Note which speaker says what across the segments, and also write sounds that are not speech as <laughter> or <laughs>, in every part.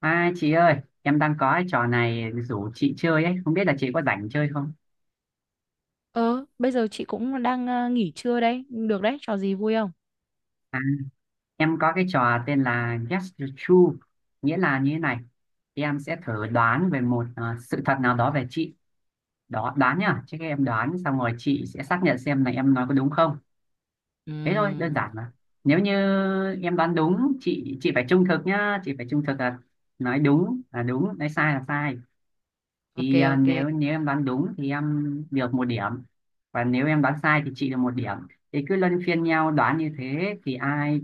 Speaker 1: À chị ơi, em đang có cái trò này rủ chị chơi ấy, không biết là chị có rảnh chơi không?
Speaker 2: Ờ, Bây giờ chị cũng đang nghỉ trưa đấy. Được đấy, trò gì vui không?
Speaker 1: À, em có cái trò tên là Guess the Truth, nghĩa là như thế này. Em sẽ thử đoán về một sự thật nào đó về chị. Đó, đoán nhá, chứ các em đoán xong rồi chị sẽ xác nhận xem là em nói có đúng không. Thế thôi, đơn
Speaker 2: Ừm,
Speaker 1: giản mà. Nếu như em đoán đúng, chị phải trung thực nhá, chị phải trung thực là nói đúng là đúng, nói sai là sai.
Speaker 2: ok,
Speaker 1: Thì
Speaker 2: ok,
Speaker 1: nếu nếu em đoán đúng thì em được một điểm, và nếu em đoán sai thì chị được một điểm. Thì cứ luân phiên nhau đoán như thế, thì ai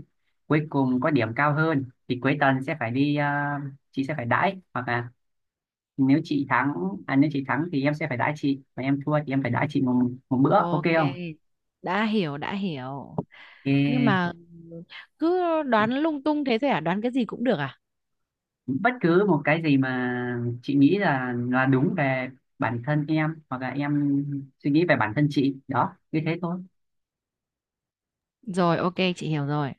Speaker 1: cuối cùng có điểm cao hơn thì cuối tuần sẽ phải đi, chị sẽ phải đãi. Hoặc là nếu chị thắng, nếu chị thắng thì em sẽ phải đãi chị, và em thua thì em phải đãi chị một bữa, ok
Speaker 2: ok.
Speaker 1: không?
Speaker 2: Đã hiểu, đã hiểu.
Speaker 1: Ê,
Speaker 2: Nhưng mà cứ đoán lung tung thế thôi à? Đoán cái gì cũng được à?
Speaker 1: bất cứ một cái gì mà chị nghĩ là đúng về bản thân em, hoặc là em suy nghĩ về bản thân chị, đó như thế thôi.
Speaker 2: Rồi, ok, chị hiểu rồi.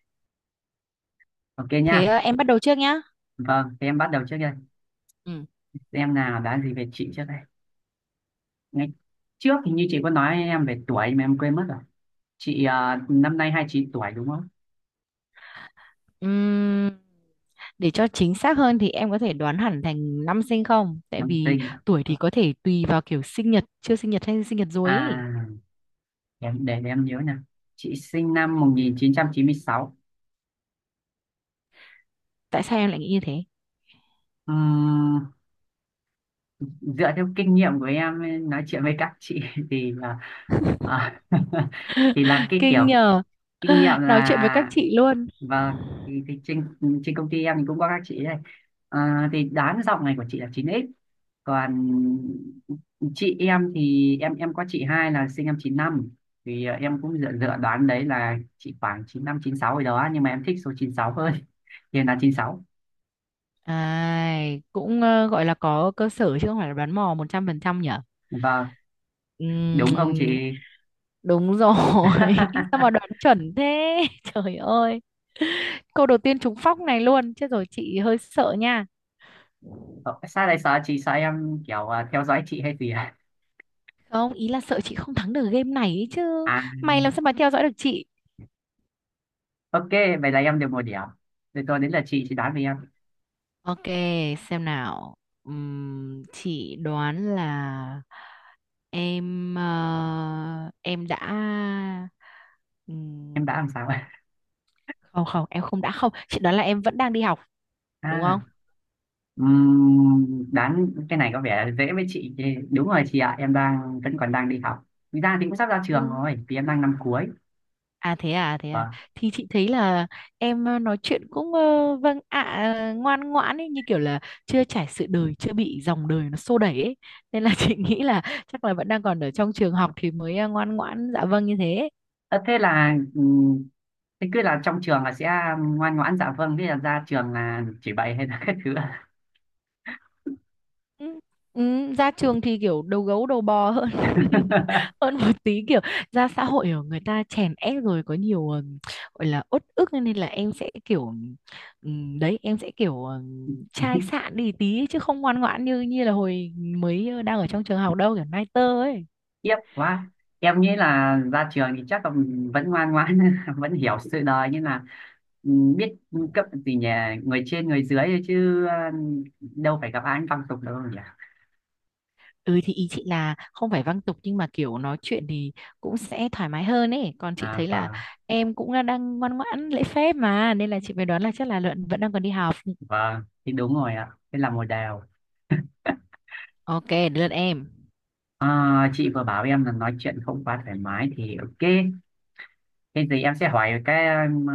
Speaker 1: Ok nha.
Speaker 2: Thế em bắt đầu trước nhá.
Speaker 1: Vâng, thì em bắt đầu trước đây.
Speaker 2: Ừm,
Speaker 1: Em nào đoán gì về chị trước đây? Ngay trước thì như chị có nói em về tuổi mà em quên mất rồi. Chị năm nay 29 tuổi đúng không?
Speaker 2: ừm, để cho chính xác hơn thì em có thể đoán hẳn thành năm sinh không, tại
Speaker 1: Năm
Speaker 2: vì
Speaker 1: sinh.
Speaker 2: tuổi thì có thể tùy vào kiểu sinh nhật, chưa sinh nhật hay sinh nhật rồi ý.
Speaker 1: À, để em nhớ nè. Chị sinh năm 1996.
Speaker 2: Tại sao em lại nghĩ như thế?
Speaker 1: Ừm, dựa theo kinh nghiệm của em nói chuyện với các chị <laughs> thì là à, <laughs> thì là
Speaker 2: <laughs>
Speaker 1: cái
Speaker 2: Kinh
Speaker 1: kiểu
Speaker 2: nhờ.
Speaker 1: kinh nghiệm
Speaker 2: <sighs> Nói chuyện với các
Speaker 1: là.
Speaker 2: chị luôn.
Speaker 1: Vâng, thì trên công ty em thì cũng có các chị đây. À, thì đán giọng này của chị là 9X. Còn chị em thì em có chị hai là sinh năm 95. Thì em cũng dựa đoán đấy là chị khoảng 95 96 rồi đó. Nhưng mà em thích số 96 hơn. <laughs> Thì em là 96.
Speaker 2: À, cũng gọi là có cơ sở chứ không phải là đoán mò 100% nhỉ?
Speaker 1: Vâng, đúng không
Speaker 2: Ừm,
Speaker 1: chị?
Speaker 2: đúng rồi. <laughs> Sao mà đoán
Speaker 1: <laughs>
Speaker 2: chuẩn thế? <laughs> Trời ơi. Câu đầu tiên trúng phóc này luôn. Chết rồi, chị hơi sợ nha.
Speaker 1: Ờ, sao lại sợ chị? Sợ em kiểu theo dõi chị hay gì à?
Speaker 2: Không, ý là sợ chị không thắng được game này ấy chứ.
Speaker 1: À,
Speaker 2: Mày làm sao mà theo dõi được chị?
Speaker 1: ok, vậy là em được một điểm. Rồi tôi đến là chị đoán về em.
Speaker 2: Ok, xem nào. Chị đoán là em ờ, em đã
Speaker 1: Em đã làm
Speaker 2: ừm,
Speaker 1: sao? <laughs>
Speaker 2: không không em không đã không chị đoán là em vẫn đang đi học, đúng không?
Speaker 1: À. Đoán cái này có vẻ dễ với chị. Thì đúng rồi chị ạ, em đang vẫn còn đang đi học. Thực ra thì cũng sắp ra trường
Speaker 2: Ừ.
Speaker 1: rồi vì em đang năm cuối.
Speaker 2: À thế à, à, thế à.
Speaker 1: Vâng.
Speaker 2: Thì chị thấy là em nói chuyện cũng vâng ạ, ngoan ngoãn ấy, như kiểu là chưa trải sự đời, chưa bị dòng đời nó xô đẩy ấy. Nên là <laughs> chị nghĩ là chắc là vẫn đang còn ở trong trường học thì mới ngoan ngoãn dạ vâng như thế.
Speaker 1: Ờ, thế là thế cứ là trong trường là sẽ ngoan ngoãn dạ vâng, thế là ra trường là chỉ bày hay là các thứ ạ?
Speaker 2: Ừ, ừ, ra trường thì kiểu đầu gấu đầu bò hơn <laughs>
Speaker 1: <laughs>
Speaker 2: hơn một tí, kiểu ra xã hội ở người ta chèn ép rồi có nhiều gọi là uất ức, nên là em sẽ kiểu đấy em sẽ kiểu chai sạn đi tí ấy, chứ không ngoan ngoãn như như là hồi mới đang ở trong trường học đâu, kiểu nai tơ ấy.
Speaker 1: Tiếc quá, em nghĩ là ra trường thì chắc là vẫn ngoan ngoãn <laughs> vẫn hiểu sự đời, nhưng là biết cấp gì nhỉ, người trên người dưới thôi, chứ đâu phải gặp ai cũng văng tục đâu nhỉ.
Speaker 2: Ừ, thì ý chị là không phải văng tục, nhưng mà kiểu nói chuyện thì cũng sẽ thoải mái hơn ấy. Còn chị
Speaker 1: À,
Speaker 2: thấy là
Speaker 1: vâng.
Speaker 2: em cũng đang ngoan ngoãn lễ phép mà, nên là chị mới đoán là chắc là luận vẫn đang còn đi học.
Speaker 1: Vâng, thì đúng rồi ạ. Thế là một đều.
Speaker 2: Ok, đến lượt em.
Speaker 1: À, chị vừa bảo em là nói chuyện không quá thoải mái thì ok. Thế thì em sẽ hỏi cái um,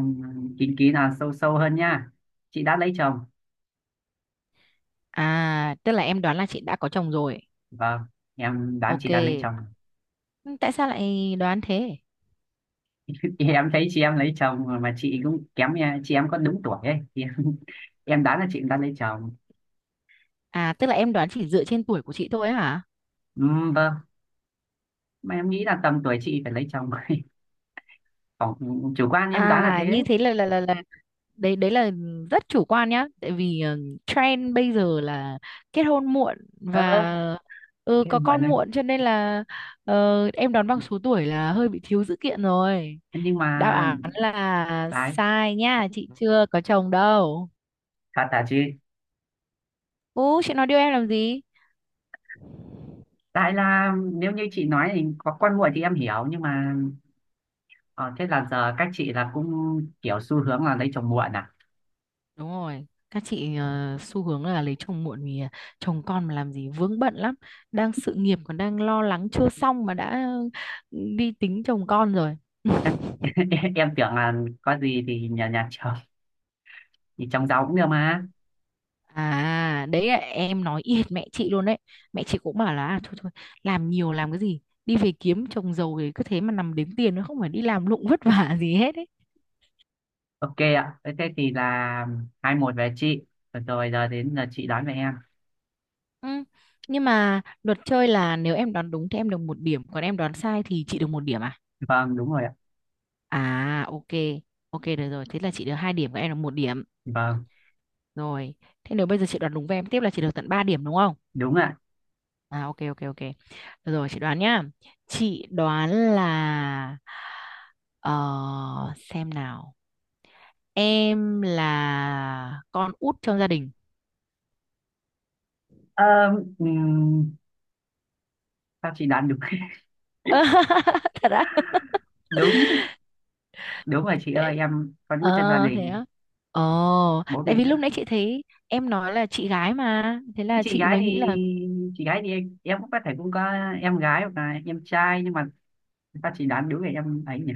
Speaker 1: uh, kín kỹ là sâu sâu hơn nha. Chị đã lấy chồng.
Speaker 2: À, tức là em đoán là chị đã có chồng rồi.
Speaker 1: Vâng, em đoán chị
Speaker 2: Ok.
Speaker 1: đã lấy chồng.
Speaker 2: Ừ, tại sao lại đoán thế?
Speaker 1: <laughs> Em thấy chị em lấy chồng mà chị cũng kém nha. Chị em có đúng tuổi ấy. Thì em, <laughs> em đoán là chị cũng đã lấy chồng.
Speaker 2: À, tức là em đoán chỉ dựa trên tuổi của chị thôi hả?
Speaker 1: Vâng, mà em nghĩ là tầm tuổi chị phải lấy chồng. <laughs> Còn chủ quan em đoán là
Speaker 2: À,
Speaker 1: thế.
Speaker 2: như thế là đấy đấy là rất chủ quan nhá, tại vì trend bây giờ là kết hôn muộn và
Speaker 1: Ờ, thế
Speaker 2: có
Speaker 1: mọi
Speaker 2: con
Speaker 1: người.
Speaker 2: muộn, cho nên là em đoán bằng số tuổi là hơi bị thiếu dữ kiện rồi.
Speaker 1: Nhưng
Speaker 2: Đáp
Speaker 1: mà
Speaker 2: án là
Speaker 1: đấy,
Speaker 2: sai nha, chị chưa có chồng đâu.
Speaker 1: thật hả chị?
Speaker 2: Ú, chị nói điều em làm gì?
Speaker 1: Tại là nếu như chị nói thì có con muộn thì em hiểu, nhưng mà ờ, thế là giờ các chị là cũng kiểu xu hướng là lấy chồng muộn à?
Speaker 2: Đúng rồi, các chị xu hướng là lấy chồng muộn vì chồng con mà làm gì vướng bận lắm, đang sự nghiệp còn đang lo lắng chưa xong mà đã đi tính chồng con rồi. <laughs>
Speaker 1: <laughs> Em tưởng là có gì thì nhà nhà chồng, thì chồng giàu cũng được mà.
Speaker 2: À, đấy là em nói y hệt mẹ chị luôn đấy. Mẹ chị cũng bảo là à, thôi thôi, làm nhiều làm cái gì, đi về kiếm chồng giàu thì cứ thế mà nằm đếm tiền, nó không phải đi làm lụng vất vả gì hết ấy.
Speaker 1: Ok ạ, thế thế thì là 2-1 về chị. Rồi, giờ đến là chị đoán về em.
Speaker 2: Ừ. Nhưng mà luật chơi là nếu em đoán đúng thì em được một điểm, còn em đoán sai thì chị được một điểm à?
Speaker 1: Vâng, đúng rồi ạ.
Speaker 2: À ok, ok được rồi. Thế là chị được 2 điểm, các em là một điểm.
Speaker 1: Vâng,
Speaker 2: Rồi, thế nếu bây giờ chị đoán đúng với em tiếp là chị được tận ba điểm, đúng không?
Speaker 1: đúng ạ.
Speaker 2: À, ok, ok, ok. Được rồi, chị đoán nhá. Chị đoán là ờ, xem nào. Em là con út trong gia đình.
Speaker 1: Ờ, ừm, sao chị đoán đúng? <laughs>
Speaker 2: <laughs> Thật á?
Speaker 1: đúng đúng rồi chị
Speaker 2: Thế-
Speaker 1: ơi, em có nuôi trong gia
Speaker 2: Ờ, thế
Speaker 1: đình,
Speaker 2: á. Ờ,
Speaker 1: bố
Speaker 2: Tại
Speaker 1: mẹ.
Speaker 2: vì lúc nãy chị thấy em nói là chị gái mà, thế
Speaker 1: Nhưng
Speaker 2: là
Speaker 1: chị
Speaker 2: chị
Speaker 1: gái
Speaker 2: mới
Speaker 1: thì
Speaker 2: nghĩ.
Speaker 1: chị gái thì em cũng có thể cũng có em gái hoặc là em trai, nhưng mà người ta chỉ đoán đúng về em ấy nhỉ.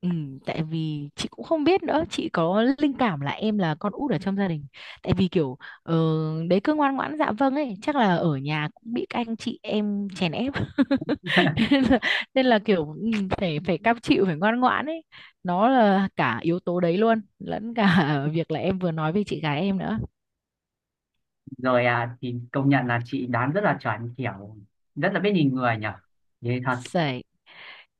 Speaker 2: Ừ, tại vì chị cũng không biết nữa, chị có linh cảm là em là con út ở trong gia đình, tại vì kiểu ờ, đấy cứ ngoan ngoãn dạ vâng ấy, chắc là ở nhà cũng bị các anh chị em chèn ép <laughs>
Speaker 1: <laughs>
Speaker 2: nên là, nên là kiểu phải phải cam chịu, phải ngoan ngoãn ấy. Nó là cả yếu tố đấy luôn lẫn cả <laughs> việc là em vừa nói về chị gái em nữa.
Speaker 1: Rồi, thì công nhận là chị đoán rất là chuẩn, kiểu rất là biết nhìn người nhỉ, thế thật.
Speaker 2: Sẩy.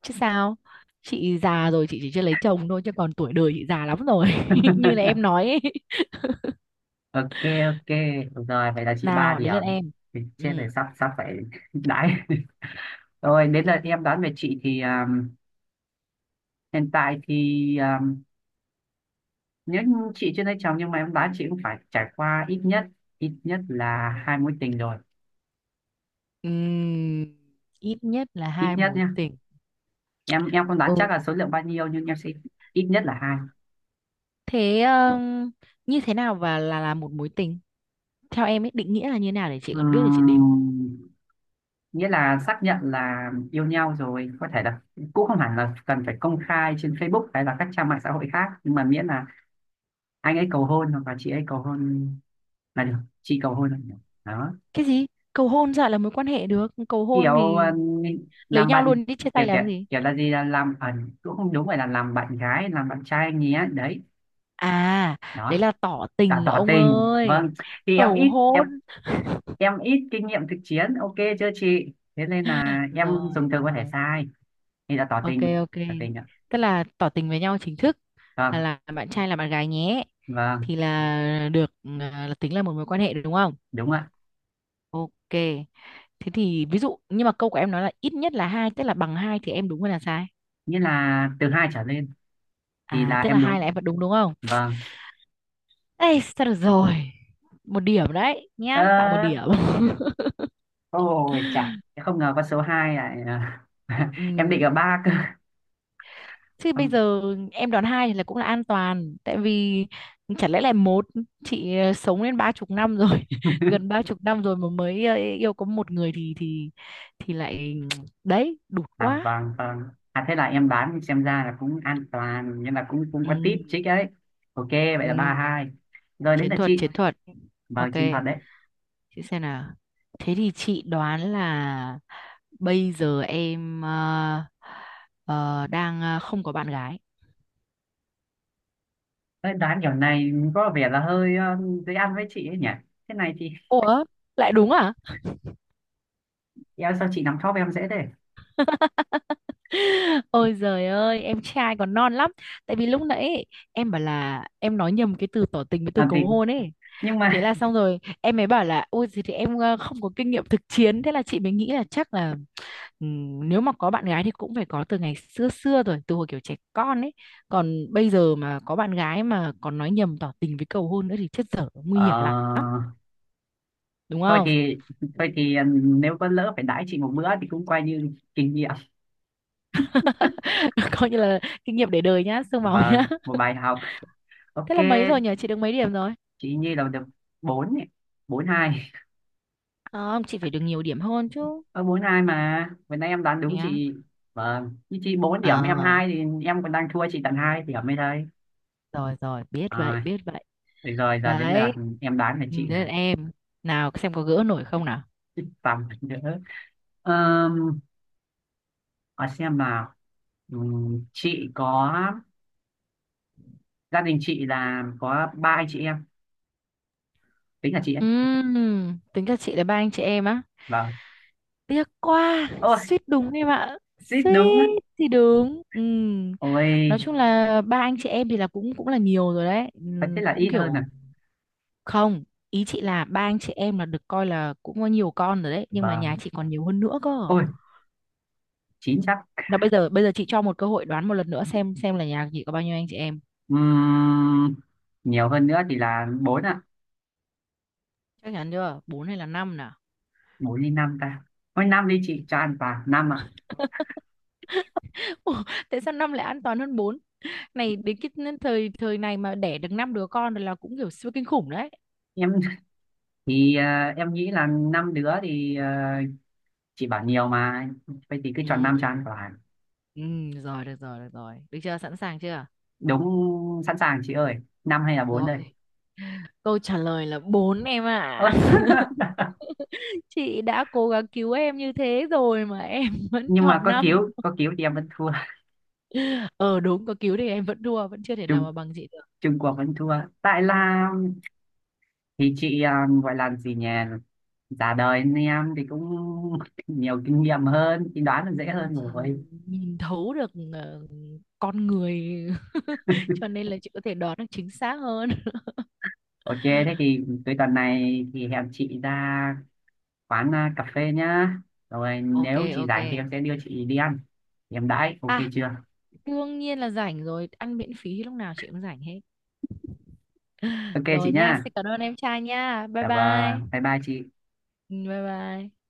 Speaker 2: Chứ sao, chị già rồi, chị chỉ chưa lấy chồng thôi chứ còn tuổi đời chị già lắm rồi, <laughs> như là
Speaker 1: <laughs>
Speaker 2: em nói ấy.
Speaker 1: Ok, ok rồi, vậy là chị ba
Speaker 2: Nào, đến
Speaker 1: điểm.
Speaker 2: lượt em.
Speaker 1: Thì chết rồi,
Speaker 2: Ừ.
Speaker 1: sắp sắp phải <laughs> đãi. Rồi đến lượt em đoán về chị thì hiện tại thì nếu như chị chưa lấy chồng, nhưng mà em đoán chị cũng phải trải qua ít nhất, ít nhất là hai mối tình rồi.
Speaker 2: Ừm, Ít nhất là
Speaker 1: Ít
Speaker 2: hai
Speaker 1: nhất
Speaker 2: mối
Speaker 1: nhé,
Speaker 2: tình.
Speaker 1: em không đoán chắc
Speaker 2: Ừ.
Speaker 1: là số lượng bao nhiêu, nhưng em sẽ ít nhất là hai.
Speaker 2: Thế như thế nào và là một mối tình? Theo em ấy định nghĩa là như thế nào để chị còn biết để chị đếm.
Speaker 1: Ừm, nghĩa là xác nhận là yêu nhau rồi, có thể là cũng không hẳn là cần phải công khai trên Facebook hay là các trang mạng xã hội khác, nhưng mà miễn là anh ấy cầu hôn hoặc là chị ấy cầu hôn là được, chị cầu hôn là được, đó.
Speaker 2: Cái gì? Cầu hôn sao lại là mối quan hệ được? Cầu hôn
Speaker 1: Kiểu
Speaker 2: thì lấy
Speaker 1: làm
Speaker 2: nhau
Speaker 1: bạn,
Speaker 2: luôn đi, chia
Speaker 1: kiểu
Speaker 2: tay
Speaker 1: kiểu
Speaker 2: làm gì?
Speaker 1: kiểu là gì, là làm cũng không đúng, phải là làm bạn gái làm bạn trai anh ấy đấy.
Speaker 2: À, đấy
Speaker 1: Đó
Speaker 2: là tỏ
Speaker 1: là
Speaker 2: tình
Speaker 1: tỏ
Speaker 2: ông
Speaker 1: tình, vâng.
Speaker 2: ơi.
Speaker 1: Thì em
Speaker 2: Cầu
Speaker 1: ít,
Speaker 2: hôn.
Speaker 1: em ít kinh nghiệm thực chiến, ok chưa chị, thế nên là em
Speaker 2: Rồi,
Speaker 1: dùng từ có thể
Speaker 2: rồi.
Speaker 1: sai. Thì đã tỏ
Speaker 2: Ok,
Speaker 1: tình
Speaker 2: ok.
Speaker 1: tỏ tình ạ.
Speaker 2: Tức là tỏ tình với nhau chính thức là
Speaker 1: Vâng.
Speaker 2: là bạn trai, là bạn gái nhé.
Speaker 1: Vâng,
Speaker 2: Thì là được, là tính là một mối quan hệ, đúng không?
Speaker 1: đúng ạ.
Speaker 2: Ok. Thế thì ví dụ nhưng mà câu của em nói là ít nhất là hai, tức là bằng hai thì em đúng hay là sai?
Speaker 1: Nghĩa là từ hai trở lên. Thì
Speaker 2: À,
Speaker 1: là
Speaker 2: tức là
Speaker 1: em
Speaker 2: hai
Speaker 1: đúng.
Speaker 2: là em vẫn đúng, đúng không?
Speaker 1: Vâng.
Speaker 2: Ê, sao được rồi. Một điểm đấy nhá, tặng một điểm.
Speaker 1: ờ,
Speaker 2: <laughs>
Speaker 1: ôi chà, em không ngờ con số 2 lại
Speaker 2: Ừ.
Speaker 1: <laughs> em định ở ba cơ. <laughs>
Speaker 2: Chứ bây
Speaker 1: Ừm,
Speaker 2: giờ em đoán hai là cũng là an toàn, tại vì chả lẽ là một chị sống đến 30 năm rồi, <laughs> gần 30 năm rồi mà mới yêu có một người thì lại <tsk> đấy, đụt quá.
Speaker 1: vâng, vâng, thế là em đoán xem ra là cũng an toàn, nhưng là cũng cũng
Speaker 2: Ừ,
Speaker 1: có tip chích ấy. Ok, vậy
Speaker 2: ừ.
Speaker 1: là 3-2. Rồi đến
Speaker 2: Chiến
Speaker 1: là
Speaker 2: thuật,
Speaker 1: chị.
Speaker 2: chiến thuật.
Speaker 1: Vâng,
Speaker 2: Ok.
Speaker 1: chinh phạt đấy.
Speaker 2: Chị xem nào. Thế thì chị đoán là bây giờ em đang không có bạn gái.
Speaker 1: Đấy, đoán kiểu này có vẻ là hơi dễ ăn với chị ấy nhỉ, thế này thì
Speaker 2: Ủa, lại đúng à?
Speaker 1: em, sao chị nắm top em dễ thế.
Speaker 2: <laughs> Ôi giời ơi, em trai còn non lắm. Tại vì lúc nãy ấy, em bảo là em nói nhầm cái từ tỏ tình với từ
Speaker 1: à,
Speaker 2: cầu
Speaker 1: thì,
Speaker 2: hôn ấy.
Speaker 1: nhưng
Speaker 2: Thế
Speaker 1: mà
Speaker 2: là xong rồi, em mới bảo là ôi gì thì em không có kinh nghiệm thực chiến, thế là chị mới nghĩ là chắc là. Nếu mà có bạn gái thì cũng phải có từ ngày xưa xưa rồi, từ hồi kiểu trẻ con ấy, còn bây giờ mà có bạn gái mà còn nói nhầm tỏ tình với cầu hôn nữa thì chết dở, nguy
Speaker 1: ờ,
Speaker 2: hiểm lắm. Đúng
Speaker 1: thôi
Speaker 2: không?
Speaker 1: thì, nếu có lỡ phải đãi chị một bữa thì cũng coi như kinh nghiệm
Speaker 2: <laughs> Coi như là kinh nghiệm để đời nhá, xương máu
Speaker 1: và
Speaker 2: nhá.
Speaker 1: một
Speaker 2: <laughs>
Speaker 1: bài học. Ok,
Speaker 2: Thế là mấy rồi nhỉ, chị được mấy điểm rồi?
Speaker 1: chị Nhi là được bốn ấy. 4-2.
Speaker 2: Không, chị phải được nhiều điểm hơn chứ.
Speaker 1: Ở bốn hai mà vừa nãy em đoán đúng
Speaker 2: Nhá.
Speaker 1: chị. Vâng, như chị bốn điểm em
Speaker 2: À
Speaker 1: hai thì em còn đang thua chị tận hai điểm mới đây.
Speaker 2: rồi, rồi, biết vậy,
Speaker 1: à,
Speaker 2: biết vậy.
Speaker 1: được rồi, giờ đến lượt
Speaker 2: Đấy.
Speaker 1: em đoán về
Speaker 2: Ừ,
Speaker 1: chị
Speaker 2: thế
Speaker 1: này.
Speaker 2: là em. Nào, xem có gỡ nổi không nào.
Speaker 1: Thích tắm nữa. Ờm, hỏi xem nào. Chị có, gia đình chị là có ba anh chị em, tính là chị ấy.
Speaker 2: Tính cho chị là ba anh chị em á?
Speaker 1: Vâng.
Speaker 2: Tiếc quá,
Speaker 1: Ôi,
Speaker 2: suýt đúng em ạ.
Speaker 1: xít đúng á.
Speaker 2: Suýt thì đúng. Ừ.
Speaker 1: Ôi,
Speaker 2: Nói chung là ba anh chị em thì là cũng cũng là nhiều rồi đấy.
Speaker 1: phải
Speaker 2: Ừ,
Speaker 1: thế là
Speaker 2: cũng
Speaker 1: ít hơn à?
Speaker 2: kiểu không, ý chị là ba anh chị em là được coi là cũng có nhiều con rồi đấy, nhưng mà nhà
Speaker 1: Vâng,
Speaker 2: chị còn nhiều hơn nữa cơ.
Speaker 1: ôi chín chắc.
Speaker 2: Là bây giờ chị cho một cơ hội đoán một lần nữa, xem là nhà chị có bao nhiêu anh chị em.
Speaker 1: Ừm, nhiều hơn nữa thì là bốn ạ.
Speaker 2: Chắc chắn chưa? Bốn hay là 5 nào?
Speaker 1: Bốn đi, năm ta. Ôi năm đi, chị cho ăn vào năm ạ.
Speaker 2: <laughs> Ủa, tại sao 5 lại an toàn hơn bốn? Này, đến cái thời thời này mà đẻ được 5 đứa con rồi là cũng kiểu siêu kinh khủng đấy.
Speaker 1: Em thì em nghĩ là năm đứa thì chị bảo nhiều mà, vậy thì cứ chọn năm cho
Speaker 2: Ừ.
Speaker 1: ăn vào.
Speaker 2: Ừ, được rồi, được rồi, được rồi. Được chưa? Sẵn sàng chưa?
Speaker 1: Đúng, sẵn sàng chị ơi. Năm hay là bốn
Speaker 2: Rồi,
Speaker 1: đây.
Speaker 2: câu trả lời là 4 em ạ.
Speaker 1: Ơ. <laughs>
Speaker 2: <laughs> Chị đã cố gắng cứu em như thế rồi mà em <laughs> vẫn
Speaker 1: Nhưng mà
Speaker 2: chọn
Speaker 1: có
Speaker 2: năm.
Speaker 1: cứu, có cứu thì em vẫn thua. <laughs>
Speaker 2: Ờ đúng, có cứu thì em vẫn thua, vẫn chưa thể nào
Speaker 1: Trung
Speaker 2: mà bằng chị được.
Speaker 1: Trung Quốc vẫn thua. Tại là, thì chị gọi là gì nhỉ, già đời nên em thì cũng <laughs> nhiều kinh nghiệm hơn thì đoán là dễ
Speaker 2: Ừ,
Speaker 1: hơn
Speaker 2: chị
Speaker 1: rồi.
Speaker 2: nhìn thấu được con người, <laughs> cho nên là chị có thể đoán được chính xác hơn. <laughs>
Speaker 1: Ok, thế thì cuối tuần này thì hẹn chị ra quán cà phê nhá. Rồi
Speaker 2: Ok,
Speaker 1: nếu chị
Speaker 2: ok.
Speaker 1: rảnh thì em sẽ đưa chị đi ăn, thì em đãi, ok
Speaker 2: À,
Speaker 1: chưa?
Speaker 2: đương nhiên là rảnh rồi, ăn miễn phí lúc nào chị cũng rảnh hết.
Speaker 1: Ok chị
Speaker 2: Rồi nha,
Speaker 1: nhá.
Speaker 2: xin cảm ơn em trai nha. Bye
Speaker 1: Dạ vâng,
Speaker 2: bye.
Speaker 1: bye bye chị.
Speaker 2: Ừ, bye bye.